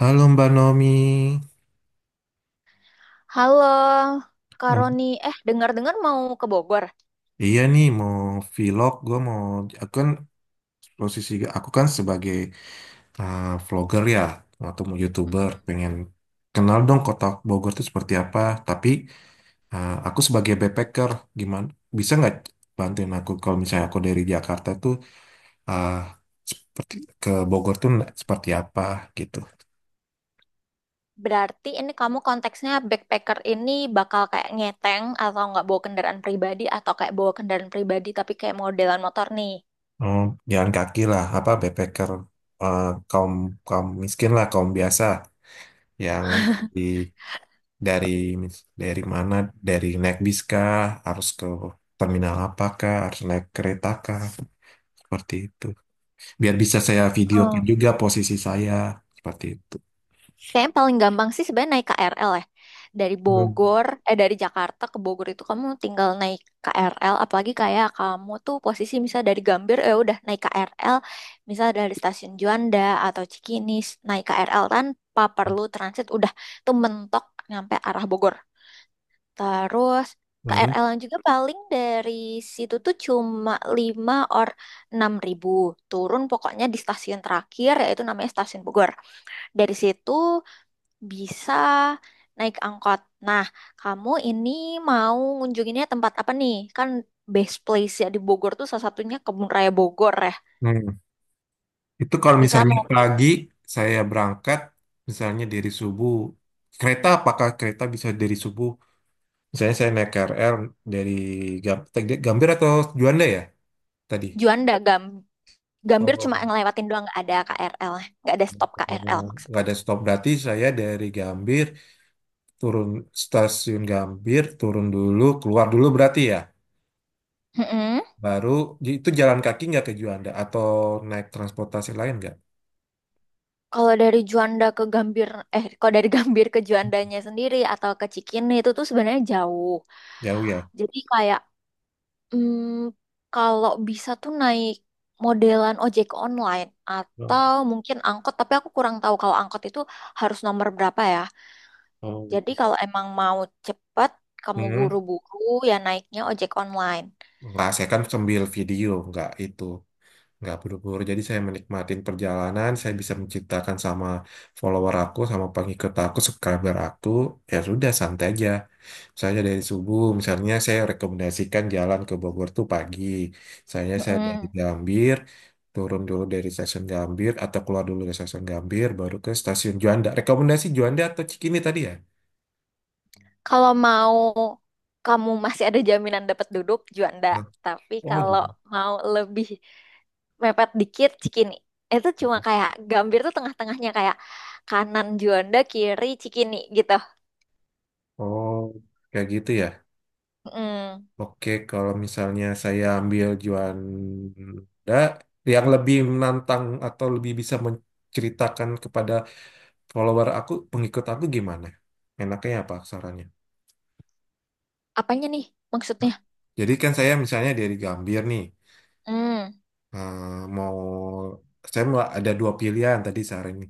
Halo Mbak Nomi. Halo, Kak Oh, Roni. Eh, dengar-dengar mau ke Bogor. iya nih mau vlog, aku kan posisi aku kan sebagai vlogger ya, atau mau YouTuber, Mm-mm. pengen kenal dong kota Bogor itu seperti apa, tapi aku sebagai backpacker, gimana, bisa nggak bantuin aku kalau misalnya aku dari Jakarta tuh eh, seperti ke Bogor tuh seperti apa gitu. Berarti ini kamu konteksnya backpacker ini bakal kayak ngeteng atau nggak bawa kendaraan pribadi atau kayak bawa kendaraan pribadi tapi kayak modelan motor nih. Oh, jalan kaki lah, apa backpacker eh, kaum kaum miskin lah, kaum biasa yang di dari dari mana dari naik bis kah harus ke terminal apakah harus naik kereta kah seperti itu biar bisa saya videokan juga posisi saya seperti itu. Kayaknya paling gampang sih sebenarnya naik KRL ya. Hmm, Dari Jakarta ke Bogor itu kamu tinggal naik KRL. Apalagi kayak kamu tuh posisi misal dari Gambir, ya udah naik KRL. Misal dari stasiun Juanda atau Cikinis, naik KRL tanpa perlu transit, udah tuh mentok nyampe arah Bogor. Terus baru KRL yang juga paling dari situ tuh cuma 5 or 6 ribu. Turun pokoknya di stasiun terakhir, yaitu namanya stasiun Bogor. Dari situ bisa naik angkot. Nah, kamu ini mau ngunjunginnya tempat apa nih? Kan best place ya di Bogor tuh salah satunya Kebun Raya Bogor ya. hmm. Itu kalau Misal misalnya mau pagi saya berangkat misalnya dari subuh kereta apakah kereta bisa dari subuh misalnya saya naik KRL dari Gam- Gambir atau Juanda ya tadi. Juanda, Gambir cuma Oh, ngelewatin doang, nggak ada KRL, nggak ada stop KRL oh, nggak maksudku. ada stop berarti saya dari Gambir turun stasiun Gambir, turun dulu, keluar dulu berarti ya. Mm-mm. Baru itu jalan kaki nggak ke Juanda atau naik transportasi lain nggak? Kalau dari Juanda ke Gambir, Kalau dari Gambir ke Juandanya sendiri atau ke Cikini itu tuh sebenarnya jauh. Jauh ya. Jadi kayak Hmm, kalau bisa tuh naik modelan ojek online Oh, atau mungkin angkot, tapi aku kurang tahu kalau angkot itu harus nomor berapa ya. oh. Jadi kalau emang mau cepet, kamu Hmm. buru-buru ya naiknya ojek online. Nggak, saya kan sambil video, nggak itu. Nggak buru-buru, jadi saya menikmatin perjalanan, saya bisa menceritakan sama follower aku, sama pengikut aku, subscriber aku, ya sudah santai aja. Misalnya dari subuh, misalnya saya rekomendasikan jalan ke Bogor tuh pagi. Misalnya saya dari Mm-mm. Gambir, turun dulu dari stasiun Gambir atau keluar dulu dari stasiun Gambir, baru ke stasiun Juanda. Rekomendasi Juanda atau Cikini tadi ya? Kalau mau kamu masih ada jaminan dapat duduk, Juanda. Nah, Tapi oh, kalau Juanda. mau lebih mepet dikit, Cikini. Itu cuma kayak Gambir tuh tengah-tengahnya kayak kanan Juanda, kiri Cikini gitu. Oh, kayak gitu ya. Mm. Oke, kalau misalnya saya ambil Juanda, yang lebih menantang atau lebih bisa menceritakan kepada follower aku, pengikut aku gimana? Enaknya apa sarannya? Apanya nih maksudnya? Jadi kan saya misalnya dari Gambir nih, Hmm. eh, mau saya mau ada dua pilihan tadi sehari ini.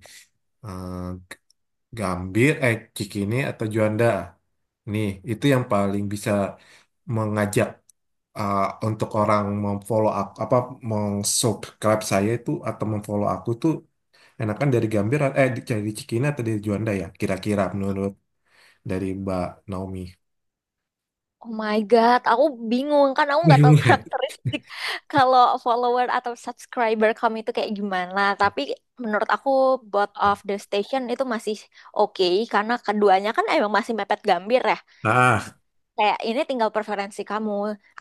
Eh, Gambir, eh Cikini atau Juanda. Nih itu yang paling bisa mengajak eh, untuk orang memfollow aku, apa meng-subscribe saya itu atau memfollow aku tuh enakan dari Gambir, eh dari Cikini atau dari Juanda ya, kira-kira menurut dari Mbak Naomi. Oh my God, aku bingung kan aku nggak tahu Bingung ya? karakteristik kalau follower atau subscriber kamu itu kayak gimana. Tapi menurut aku both of the station itu masih oke karena keduanya kan emang masih mepet Gambir ya. Ah, Kayak ini tinggal preferensi kamu.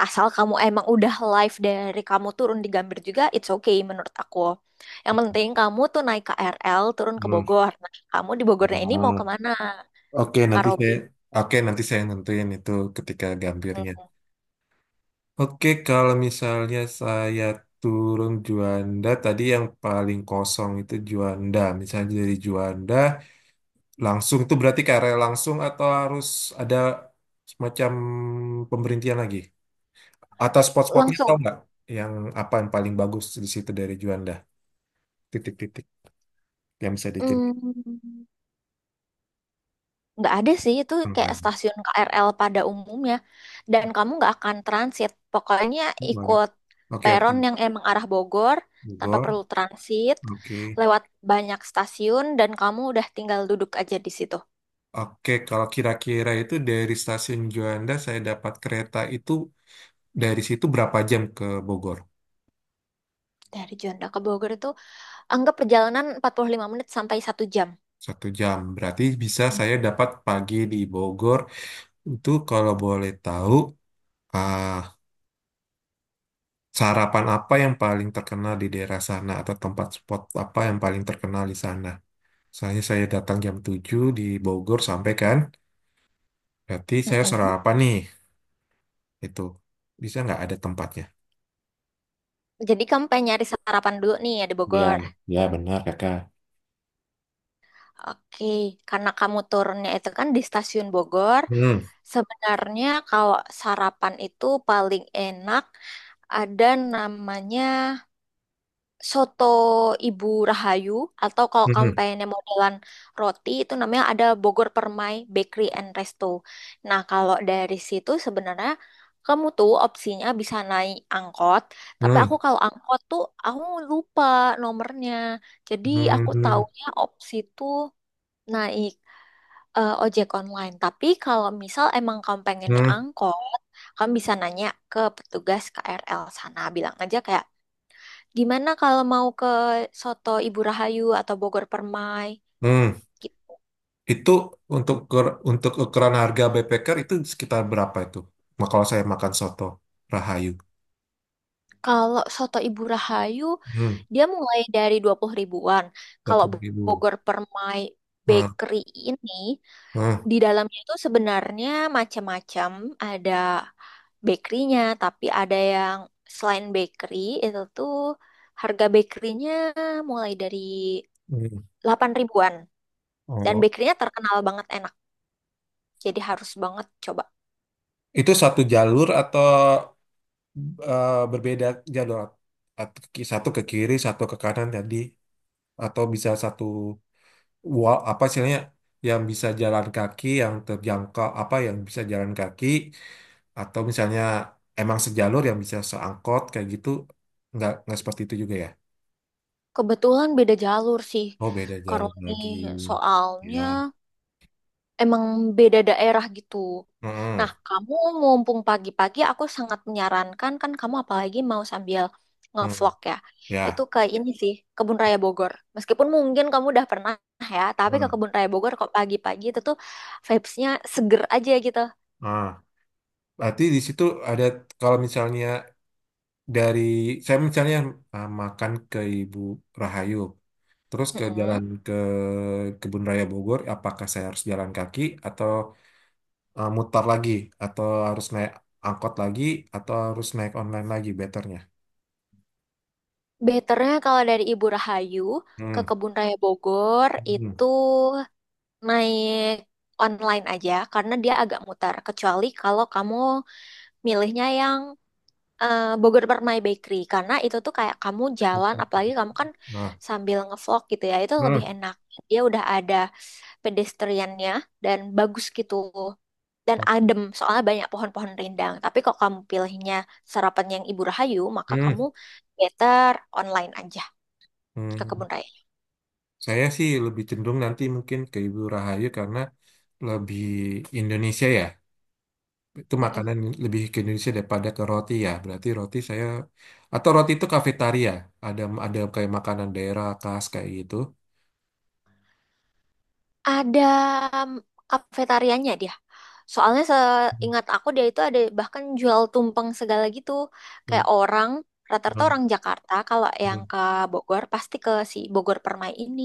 Asal kamu emang udah live dari kamu turun di Gambir juga, it's okay menurut aku. Yang penting kamu tuh naik KRL turun ke Bogor. Nah, kamu di Bogornya ini mau hmm. kemana, Oke, Kak nanti saya Robi? Oke, nanti saya nentuin itu ketika gambirnya. Hmm. Oke, kalau misalnya saya turun Juanda, tadi yang paling kosong itu Juanda. Misalnya dari Juanda, langsung tuh berarti ke area langsung atau harus ada semacam pemberhentian lagi? Atau spot-spotnya tau Langsung nggak? Yang apa yang paling bagus di situ dari Juanda? Titik-titik yang bisa diceritakan. Hmm, nggak ada sih, itu Oh, nggak kayak ada. stasiun KRL pada umumnya, dan kamu nggak akan transit pokoknya, Oh, nggak ada. ikut Oke, oke. peron yang emang arah Bogor tanpa perlu Bogor. transit Oke. lewat banyak stasiun, dan kamu udah tinggal duduk aja di situ. Oke, kalau kira-kira itu dari stasiun Juanda saya dapat kereta itu dari situ berapa jam ke Bogor? Dari Juanda ke Bogor itu anggap perjalanan 45 menit sampai 1 jam. 1 jam. Berarti bisa saya dapat pagi di Bogor. Itu kalau boleh tahu, ah, sarapan apa yang paling terkenal di daerah sana atau tempat spot apa yang paling terkenal di sana? Misalnya saya datang jam 7 di Bogor sampai kan, berarti saya Mm-mm. sarapan nih. Itu bisa nggak ada tempatnya? Jadi kamu pengen nyari sarapan dulu nih ya di Ya, Bogor. ya benar kakak. Oke, karena kamu turunnya itu kan di stasiun Bogor, Hmm, sebenarnya kalau sarapan itu paling enak ada namanya soto Ibu Rahayu, atau kalau kamu hmm, pengennya modelan roti itu namanya ada Bogor Permai Bakery and Resto. Nah, kalau dari situ sebenarnya kamu tuh opsinya bisa naik angkot, tapi hmm. aku kalau angkot tuh aku lupa nomornya. Jadi Hmm, aku hmm, taunya opsi tuh naik ojek online. Tapi kalau misal emang kamu pengennya angkot, kamu bisa nanya ke petugas KRL sana. Bilang aja kayak, gimana kalau mau ke Soto Ibu Rahayu atau Bogor Permai? hmm. Gi- Itu untuk untuk ukuran harga backpacker itu sekitar berapa itu? Nah, kalau saya makan soto Rahayu. Kalau Soto Ibu Rahayu, Hmm, dia mulai dari 20 ribuan. dua Kalau puluh ribu. Bogor Permai Hmm, Bakery ini, hmm, di dalamnya itu sebenarnya macam-macam. Ada bakerynya, tapi ada yang selain bakery, itu tuh harga bakerynya mulai dari hmm. 8 ribuan. Dan Oh, bakerynya terkenal banget enak, jadi harus banget coba. itu satu jalur atau berbeda jalur? Satu ke kiri, satu ke kanan tadi, atau bisa satu wall apa istilahnya yang bisa jalan kaki, yang terjangkau apa yang bisa jalan kaki, atau misalnya emang sejalur yang bisa seangkot kayak gitu, nggak seperti itu juga ya? Kebetulan beda jalur sih, Oh beda jalur Karoni, lagi, soalnya ya. emang beda daerah gitu. Nah, Mm-mm. kamu mumpung pagi-pagi, aku sangat menyarankan kan kamu apalagi mau sambil Mm. ngevlog ya. Itu Ya. ke ini sih, Kebun Raya Bogor. Meskipun mungkin kamu udah pernah ya, tapi ke Mm. Kebun Raya Bogor kok pagi-pagi itu tuh vibes-nya seger aja gitu. Ah. Berarti di situ ada kalau misalnya dari saya misalnya ah, makan ke Ibu Rahayu, terus ke Mm-mm. jalan ke Kebun Raya Bogor, apakah saya harus jalan kaki atau mutar lagi, atau harus naik angkot lagi, atau harus naik online lagi, betternya. Betternya kalau dari Ibu Rahayu ke Hmm. Kebun Raya Bogor Hmm. itu naik online aja karena dia agak mutar. Kecuali kalau kamu milihnya yang Bogor Permai Bakery, karena itu tuh kayak kamu Hmm. jalan, Hmm. apalagi kamu kan Nah, sambil ngevlog gitu ya, itu lebih hmm, enak, dia udah ada pedestriannya dan bagus gitu dan adem soalnya banyak pohon-pohon rindang. Tapi kok kamu pilihnya sarapan yang Ibu Rahayu, maka hmm, kamu better online aja ke hmm. kebun Saya sih lebih cenderung nanti mungkin ke Ibu Rahayu karena lebih Indonesia ya. Itu raya. makanan lebih ke Indonesia daripada ke roti ya. Berarti roti saya atau roti itu kafetaria. Ada kayak makanan daerah khas kayak gitu. Ada kafetarianya dia. Soalnya Hmm, seingat aku, dia itu ada bahkan jual tumpeng segala gitu. hmm, Kayak orang, rata-rata hmm, orang Jakarta kalau yang hmm. ke Bogor pasti ke si Bogor Permai ini,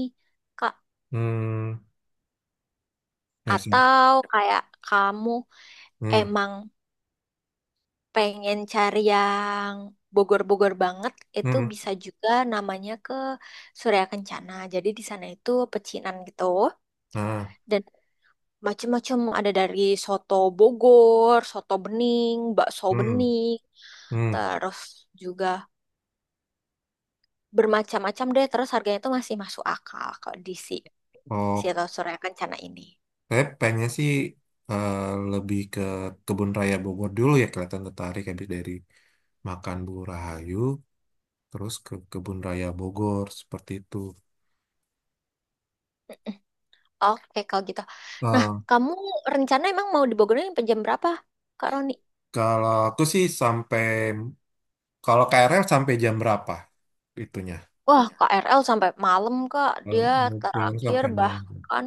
Kak. Hmm, I see. Atau kayak kamu Hmm, emang pengen cari yang Bogor-Bogor banget, itu hmm, bisa juga namanya ke Surya Kencana. Jadi di sana itu pecinan gitu. ah, Dan macem-macem ada dari soto Bogor, soto bening, bakso hmm, bening, hmm. terus juga bermacam-macam deh. Terus harganya itu masih masuk akal kalau di si si Oh. Soto Surya Kencana ini. Saya pengennya sih eh, lebih ke Kebun Raya Bogor dulu ya kelihatan tertarik habis dari makan Bu Rahayu terus ke Kebun Raya Bogor seperti itu. Mm-mm. Oke, kalau gitu. Nah, Eh, kamu rencana emang mau di Bogornya sampai jam berapa, Kak Roni? kalau aku sih sampai kalau KRL sampai jam berapa itunya? Wah, KRL sampai malam, Kak. Kalau Dia Mau pulang terakhir sampai malam. bahkan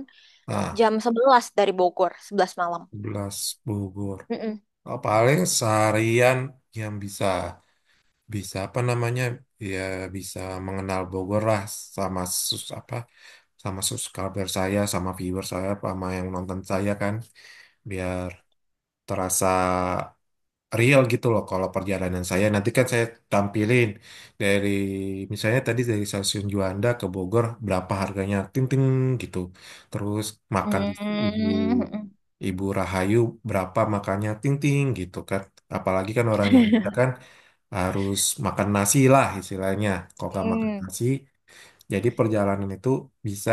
Ah, jam 11 dari Bogor, 11 malam. 11 Bogor. Oh, paling seharian yang bisa. Bisa apa namanya ya bisa mengenal Bogor lah sama sus apa sama subscriber saya sama viewer saya sama yang nonton saya kan biar terasa real gitu loh kalau perjalanan saya nanti kan saya tampilin dari misalnya tadi dari stasiun Juanda ke Bogor berapa harganya ting ting gitu terus makan di Mm-mm. ibu Mm-mm. ibu Rahayu berapa makannya ting ting gitu kan apalagi kan orang Indonesia kan harus makan nasi lah istilahnya kalau nggak makan Mm. nasi jadi perjalanan itu bisa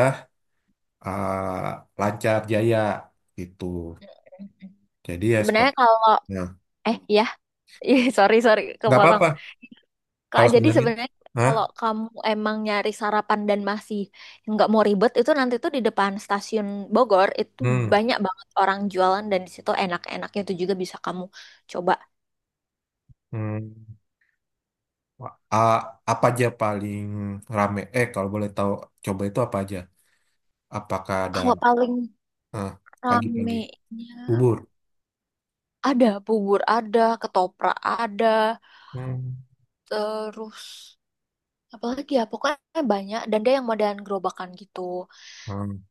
ah, lancar jaya gitu jadi ya Sebenarnya sepertinya kalau. Eh, ya, ih, sorry, sorry, nggak kepotong. apa-apa Kak, kalau jadi sebenarnya. sebenarnya kalau Hah? kamu emang nyari sarapan dan masih nggak mau ribet, itu nanti tuh di depan stasiun Bogor itu Hmm. banyak banget orang jualan dan di situ enak-enaknya itu juga bisa kamu coba. Hmm, a- apa aja paling rame? Eh, kalau boleh tahu, coba itu apa aja? Apakah ada Kalau paling eh, pagi-pagi ramenya bubur? ada bubur ada, ketoprak ada, Hmm. terus apalagi ya pokoknya banyak dan dia yang modelan gerobakan gitu. Hmm.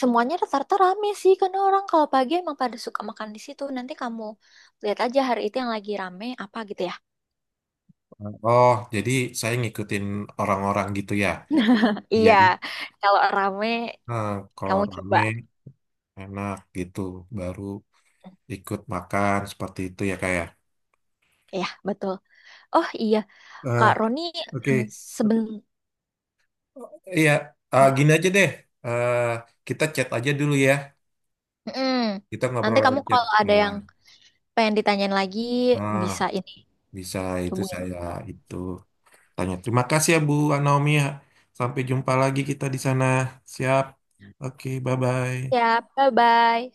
Semuanya rata-rata rame sih, karena orang kalau pagi emang pada suka makan di situ. Nanti kamu lihat aja hari itu yang lagi rame apa gitu ya. Oh, jadi saya ngikutin orang-orang gitu ya. Iya, Jadi kalau rame eh, kalau kamu coba. rame enak gitu, baru ikut makan seperti itu ya kayak. Iya, betul. Oh iya, Kak Eh, Roni, eh, oke, sebelum iya, ya. gini aja deh. Eh, kita chat aja dulu ya. Mm-mm. Kita Nanti ngobrol lewat kamu chat. kalau ada Nah, yang pengen ditanyain lagi ah, bisa ini bisa itu hubungin saya aku. itu. Tanya. Terima kasih ya Bu Naomi. Sampai jumpa lagi kita di sana. Siap. Oke, bye-bye. Ya, bye-bye.